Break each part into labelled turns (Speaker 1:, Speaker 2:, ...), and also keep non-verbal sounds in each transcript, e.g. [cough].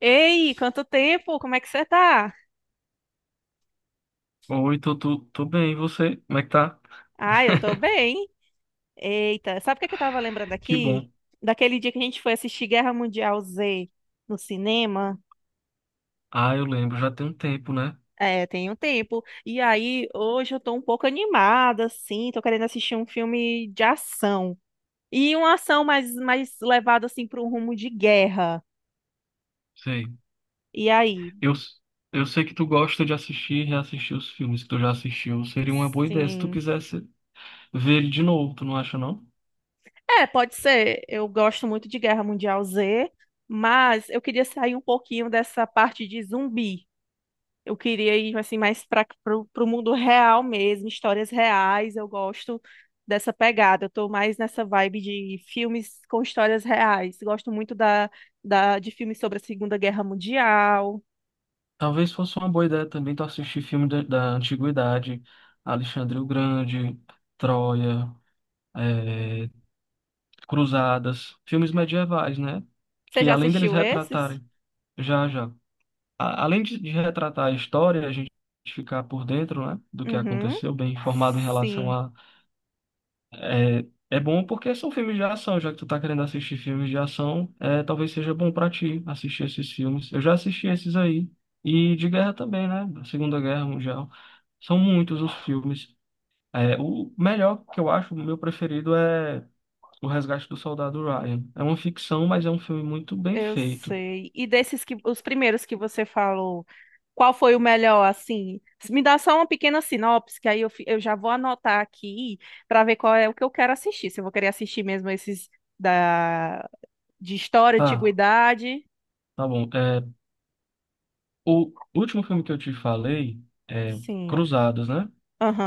Speaker 1: Ei, quanto tempo? Como é que você tá?
Speaker 2: Oi, tô bem, e você? Como é que tá?
Speaker 1: Ah, eu tô
Speaker 2: [laughs]
Speaker 1: bem. Eita, sabe o que que eu tava lembrando
Speaker 2: Que
Speaker 1: aqui?
Speaker 2: bom.
Speaker 1: Daquele dia que a gente foi assistir Guerra Mundial Z no cinema.
Speaker 2: Ah, eu lembro, já tem um tempo, né?
Speaker 1: É, tem um tempo. E aí, hoje eu tô um pouco animada, assim, tô querendo assistir um filme de ação. E uma ação mais levada, assim, para um rumo de guerra.
Speaker 2: Sei.
Speaker 1: E aí?
Speaker 2: Eu, eu sei que tu gosta de assistir e reassistir os filmes que tu já assistiu. Seria uma boa ideia se tu
Speaker 1: Sim.
Speaker 2: quisesse ver ele de novo, tu não acha, não?
Speaker 1: É, pode ser. Eu gosto muito de Guerra Mundial Z, mas eu queria sair um pouquinho dessa parte de zumbi. Eu queria ir assim mais para o mundo real mesmo, histórias reais. Eu gosto dessa pegada. Eu tô mais nessa vibe de filmes com histórias reais. Gosto muito da de filmes sobre a Segunda Guerra Mundial.
Speaker 2: Talvez fosse uma boa ideia também tu assistir filme da antiguidade, Alexandre o Grande, Troia, eh, Cruzadas, filmes medievais, né?
Speaker 1: Você
Speaker 2: Que
Speaker 1: já
Speaker 2: além deles
Speaker 1: assistiu esses?
Speaker 2: retratarem, já, já. Além de retratar a história, a gente ficar por dentro, né, do que
Speaker 1: Uhum.
Speaker 2: aconteceu, bem informado em relação
Speaker 1: Sim,
Speaker 2: a. É bom porque são filmes de ação, já que tu tá querendo assistir filmes de ação, é, talvez seja bom pra ti assistir esses filmes. Eu já assisti esses aí. E de guerra também, né? Da Segunda Guerra Mundial. São muitos os filmes. É, o melhor que eu acho, o meu preferido é O Resgate do Soldado Ryan. É uma ficção, mas é um filme muito bem
Speaker 1: eu
Speaker 2: feito.
Speaker 1: sei. E desses que os primeiros que você falou, qual foi o melhor, assim? Me dá só uma pequena sinopse, que aí eu já vou anotar aqui para ver qual é o que eu quero assistir, se eu vou querer assistir mesmo esses da, de história,
Speaker 2: Tá,
Speaker 1: antiguidade.
Speaker 2: tá bom. É, o último filme que eu te falei é
Speaker 1: Sim.
Speaker 2: Cruzados, né?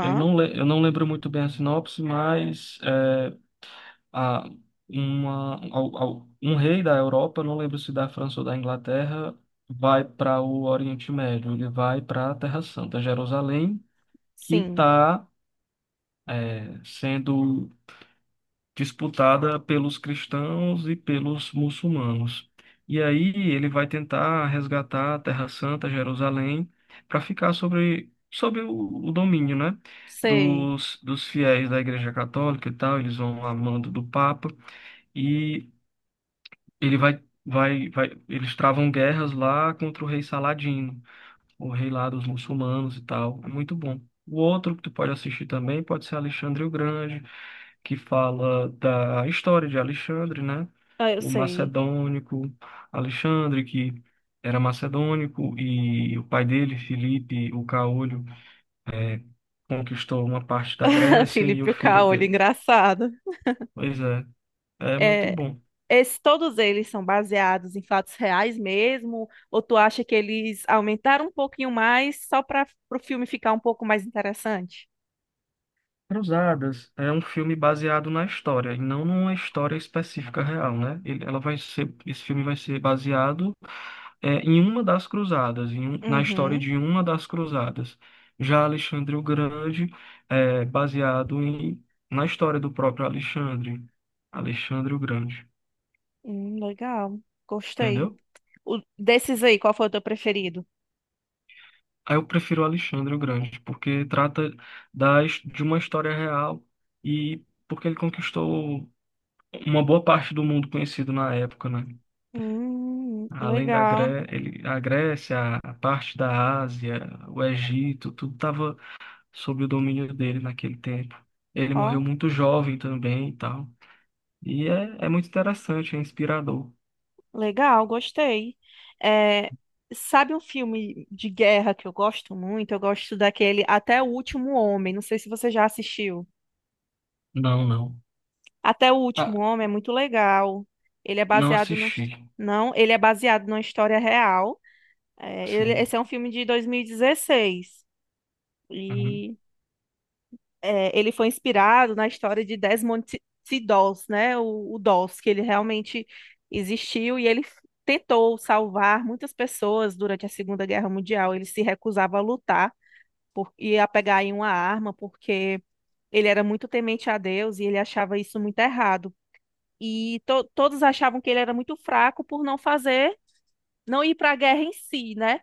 Speaker 2: Eu não, le- eu não lembro muito bem a sinopse, mas é, a, uma, al- al- um rei da Europa, eu não lembro se da França ou da Inglaterra, vai para o Oriente Médio, ele vai para a Terra Santa, Jerusalém, que
Speaker 1: Sim.
Speaker 2: está sendo disputada pelos cristãos e pelos muçulmanos. E aí ele vai tentar resgatar a Terra Santa, Jerusalém, para ficar sobre o domínio, né,
Speaker 1: Sei.
Speaker 2: dos fiéis da Igreja Católica e tal. Eles vão a mando do Papa e ele vai, eles travam guerras lá contra o rei Saladino, o rei lá dos muçulmanos e tal. É muito bom. O outro que tu pode assistir também pode ser Alexandre o Grande, que fala da história de Alexandre, né?
Speaker 1: Ah, eu
Speaker 2: O
Speaker 1: sei.
Speaker 2: macedônico Alexandre, que era macedônico, e o pai dele, Filipe, o caolho, é, conquistou uma parte da
Speaker 1: [laughs]
Speaker 2: Grécia e o
Speaker 1: Felipe
Speaker 2: filho
Speaker 1: Caolho,
Speaker 2: dele.
Speaker 1: engraçado.
Speaker 2: Pois é, é muito
Speaker 1: É,
Speaker 2: bom.
Speaker 1: esse, todos eles são baseados em fatos reais mesmo? Ou tu acha que eles aumentaram um pouquinho mais só para o filme ficar um pouco mais interessante?
Speaker 2: Cruzadas é um filme baseado na história, e não numa história específica real, né? Ele, ela vai ser, esse filme vai ser baseado em uma das cruzadas, na história
Speaker 1: Uhum.
Speaker 2: de uma das cruzadas. Já Alexandre o Grande é baseado na história do próprio Alexandre, Alexandre o Grande,
Speaker 1: Legal. Gostei.
Speaker 2: entendeu?
Speaker 1: O- desses aí, qual foi o teu preferido?
Speaker 2: Aí eu prefiro Alexandre o Grande, porque trata de uma história real e porque ele conquistou uma boa parte do mundo conhecido na época, né? Além
Speaker 1: Legal.
Speaker 2: A Grécia, a parte da Ásia, o Egito, tudo estava sob o domínio dele naquele tempo. Ele morreu
Speaker 1: Ó,
Speaker 2: muito jovem também e tal. E é muito interessante, é inspirador.
Speaker 1: legal, gostei. É, sabe um filme de guerra que eu gosto muito? Eu gosto daquele Até o Último Homem. Não sei se você já assistiu.
Speaker 2: Não, não.
Speaker 1: Até o
Speaker 2: Ah,
Speaker 1: Último Homem é muito legal. Ele é
Speaker 2: não
Speaker 1: baseado na... his-
Speaker 2: assisti.
Speaker 1: Não, ele é baseado numa história real. É, ele-
Speaker 2: Sim.
Speaker 1: esse é um filme de 2016.
Speaker 2: Uhum.
Speaker 1: Ele foi inspirado na história de Desmond T. Doss, né? O Doss, que ele realmente existiu e ele tentou salvar muitas pessoas durante a Segunda Guerra Mundial. Ele se recusava a lutar por, e a pegar em uma arma porque ele era muito temente a Deus e ele achava isso muito errado. E to- todos achavam que ele era muito fraco por não fazer, não ir para a guerra em si, né?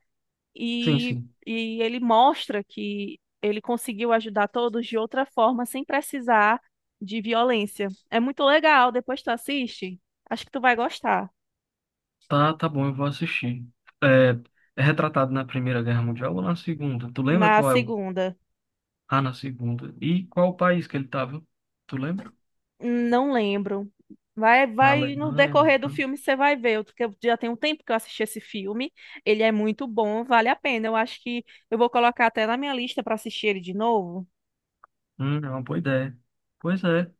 Speaker 2: Sim,
Speaker 1: e,
Speaker 2: sim.
Speaker 1: e ele mostra que ele conseguiu ajudar todos de outra forma, sem precisar de violência. É muito legal, depois tu assiste. Acho que tu vai gostar.
Speaker 2: Tá, tá bom, eu vou assistir. É, é retratado na Primeira Guerra Mundial ou na Segunda? Tu lembra
Speaker 1: Na
Speaker 2: qual é o.
Speaker 1: segunda,
Speaker 2: Ah, na Segunda. E qual o país que ele estava? Tu lembra?
Speaker 1: não lembro. Vai,
Speaker 2: Na
Speaker 1: vai no
Speaker 2: Alemanha, na
Speaker 1: decorrer do
Speaker 2: França?
Speaker 1: filme você vai ver, eu- porque eu já tem um tempo que eu assisti esse filme. Ele é muito bom, vale a pena. Eu acho que eu vou colocar até na minha lista para assistir ele de novo.
Speaker 2: É uma boa ideia. Pois é.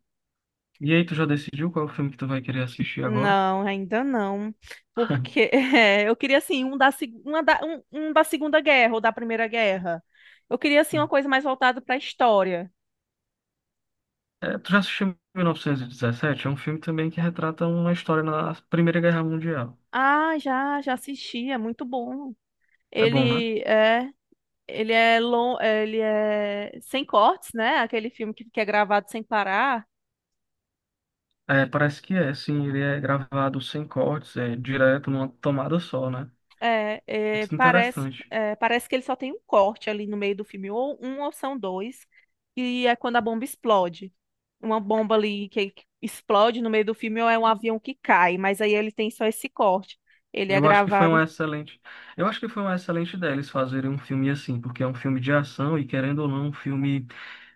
Speaker 2: E aí, tu já decidiu qual é o filme que tu vai querer assistir agora?
Speaker 1: Não, ainda não. Porque [laughs]
Speaker 2: [laughs]
Speaker 1: é, eu queria, assim, um da, seg- uma da- um da Segunda Guerra ou da Primeira Guerra. Eu queria, assim,
Speaker 2: Hum.
Speaker 1: uma coisa mais voltada para a história.
Speaker 2: É, tu já assistiu 1917? É um filme também que retrata uma história na Primeira Guerra Mundial.
Speaker 1: Ah, já, já assisti, é muito bom.
Speaker 2: É bom, né?
Speaker 1: Ele é, ele é, lon- ele é sem cortes, né? Aquele filme que é gravado sem parar.
Speaker 2: É, parece que é, sim. Ele é gravado sem cortes, é direto numa tomada só, né? Muito
Speaker 1: Parece,
Speaker 2: interessante.
Speaker 1: é, parece que ele só tem um corte ali no meio do filme, ou um ou são dois, e é quando a bomba explode. Uma bomba ali que explode no meio do filme, ou é um avião que cai, mas aí ele tem só esse corte. Ele é
Speaker 2: Eu acho que foi uma
Speaker 1: gravado
Speaker 2: excelente, eu acho que foi uma excelente ideia eles fazerem um filme assim, porque é um filme de ação e querendo ou não, um filme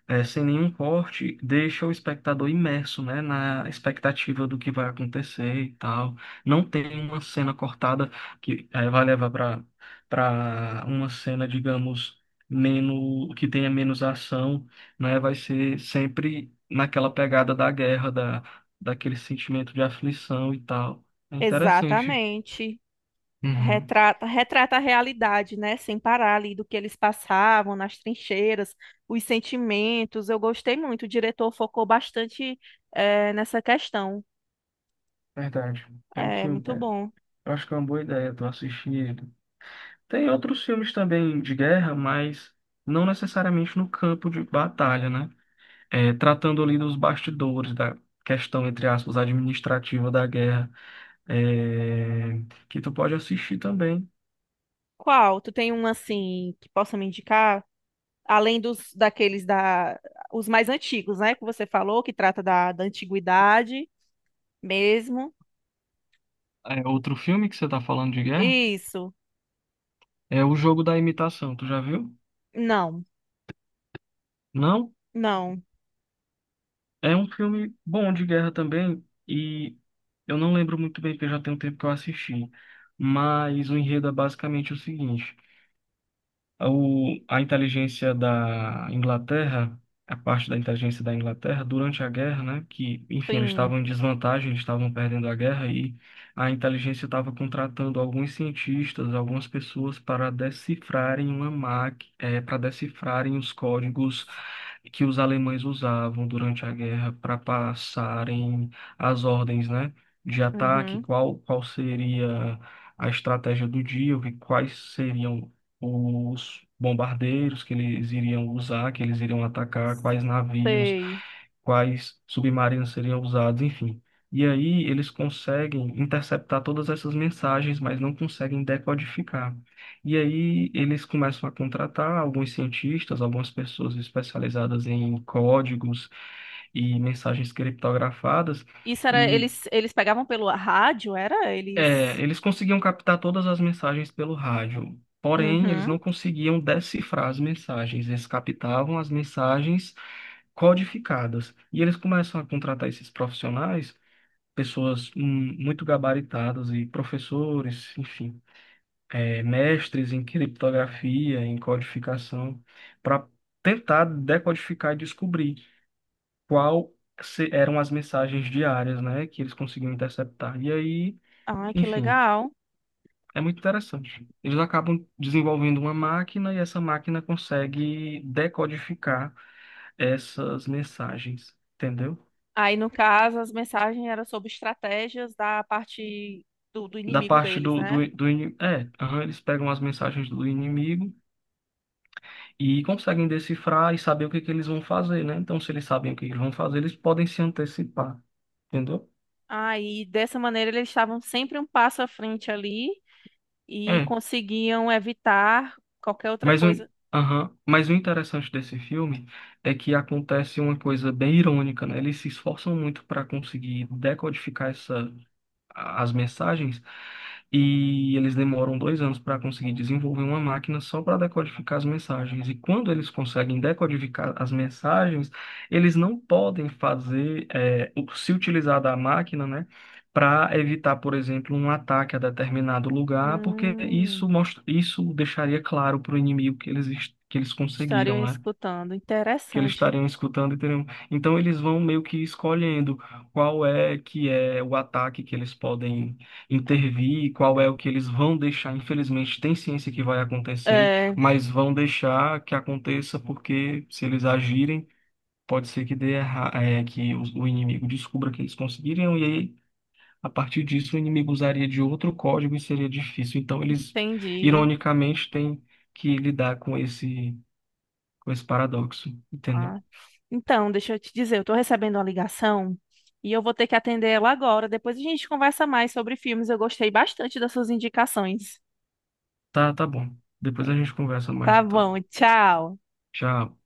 Speaker 2: sem nenhum corte, deixa o espectador imerso, né, na expectativa do que vai acontecer e tal. Não tem uma cena cortada que vai levar para uma cena, digamos, menos que tenha menos ação, né? Vai ser sempre naquela pegada da guerra, da daquele sentimento de aflição e tal. É interessante.
Speaker 1: exatamente,
Speaker 2: Uhum,
Speaker 1: retrata, retrata a realidade, né? Sem parar ali do que eles passavam nas trincheiras, os sentimentos. Eu gostei muito, o diretor focou bastante, é, nessa questão.
Speaker 2: verdade. É um
Speaker 1: É
Speaker 2: filme.
Speaker 1: muito
Speaker 2: é,
Speaker 1: bom.
Speaker 2: eu acho que é uma boa ideia tu assistir ele. Tem outros filmes também de guerra, mas não necessariamente no campo de batalha, né? É, tratando ali dos bastidores da questão, entre aspas, administrativa da guerra, é, que tu pode assistir também.
Speaker 1: Qual? Tu tem um assim que possa me indicar? Além dos daqueles da os mais antigos, né, que você falou, que trata da, da antiguidade mesmo.
Speaker 2: É, outro filme que você tá falando de guerra
Speaker 1: Isso.
Speaker 2: é O Jogo da Imitação, tu já viu?
Speaker 1: Não,
Speaker 2: Não?
Speaker 1: não.
Speaker 2: É um filme bom de guerra também, e eu não lembro muito bem, porque já tem um tempo que eu assisti. Mas o enredo é basicamente o seguinte: a inteligência da Inglaterra, a parte da inteligência da Inglaterra, durante a guerra, né? Que, enfim, eles
Speaker 1: Sim.
Speaker 2: estavam em desvantagem, eles estavam perdendo a guerra, e a inteligência estava contratando alguns cientistas, algumas pessoas para decifrarem uma máquina, para decifrarem os códigos que os alemães usavam durante a guerra para passarem as ordens, né, de ataque,
Speaker 1: Uhum.
Speaker 2: qual seria a estratégia do dia, quais seriam os bombardeiros que eles iriam usar, que eles iriam atacar, quais navios,
Speaker 1: Sei.
Speaker 2: quais submarinos seriam usados, enfim. E aí eles conseguem interceptar todas essas mensagens, mas não conseguem decodificar. E aí eles começam a contratar alguns cientistas, algumas pessoas especializadas em códigos e mensagens criptografadas,
Speaker 1: Isso era
Speaker 2: e
Speaker 1: eles pegavam pelo rádio, era eles.
Speaker 2: eles conseguiam captar todas as mensagens pelo rádio. Porém, eles
Speaker 1: Uhum.
Speaker 2: não conseguiam decifrar as mensagens, eles captavam as mensagens codificadas. E eles começam a contratar esses profissionais, pessoas muito gabaritadas e professores, enfim mestres em criptografia, em codificação, para tentar decodificar e descobrir qual se- eram as mensagens diárias, né, que eles conseguiam interceptar. E aí,
Speaker 1: Ai, que
Speaker 2: enfim,
Speaker 1: legal.
Speaker 2: é muito interessante. Eles acabam desenvolvendo uma máquina e essa máquina consegue decodificar essas mensagens, entendeu?
Speaker 1: Aí, no caso, as mensagens eram sobre estratégias da parte do
Speaker 2: Da
Speaker 1: inimigo
Speaker 2: parte
Speaker 1: deles,
Speaker 2: do,
Speaker 1: né?
Speaker 2: do, do ini- é, Aham, eles pegam as mensagens do inimigo e conseguem decifrar e saber o que que eles vão fazer, né? Então, se eles sabem o que eles vão fazer, eles podem se antecipar, entendeu?
Speaker 1: Aí, dessa maneira, eles estavam sempre um passo à frente ali e
Speaker 2: É,
Speaker 1: conseguiam evitar qualquer outra
Speaker 2: mas o,
Speaker 1: coisa.
Speaker 2: aham, mas o interessante desse filme é que acontece uma coisa bem irônica, né? Eles se esforçam muito para conseguir decodificar essa as mensagens e eles demoram 2 anos para conseguir desenvolver uma máquina só para decodificar as mensagens. E quando eles conseguem decodificar as mensagens, eles não podem fazer, se utilizar da máquina, né? Para evitar, por exemplo, um ataque a determinado lugar, porque
Speaker 1: Hum,
Speaker 2: isso mostra, isso deixaria claro para o inimigo que eles conseguiram,
Speaker 1: estariam
Speaker 2: né?
Speaker 1: escutando.
Speaker 2: Que eles
Speaker 1: Interessante.
Speaker 2: estariam escutando e teriam. Então eles vão meio que escolhendo qual é que é o ataque que eles podem intervir, qual é o que eles vão deixar. Infelizmente tem ciência que vai acontecer,
Speaker 1: É,
Speaker 2: mas vão deixar que aconteça porque se eles agirem, pode ser que dê erra... é, que o inimigo descubra que eles conseguiriam e aí a partir disso o inimigo usaria de outro código e seria difícil. Então eles
Speaker 1: entendi.
Speaker 2: ironicamente têm que lidar com esse paradoxo,
Speaker 1: Ah,
Speaker 2: entendeu?
Speaker 1: então, deixa eu te dizer, eu estou recebendo uma ligação e eu vou ter que atender ela agora. Depois a gente conversa mais sobre filmes. Eu gostei bastante das suas indicações.
Speaker 2: Tá, tá bom. Depois a gente conversa mais,
Speaker 1: Tá bom,
Speaker 2: então.
Speaker 1: tchau.
Speaker 2: Tchau.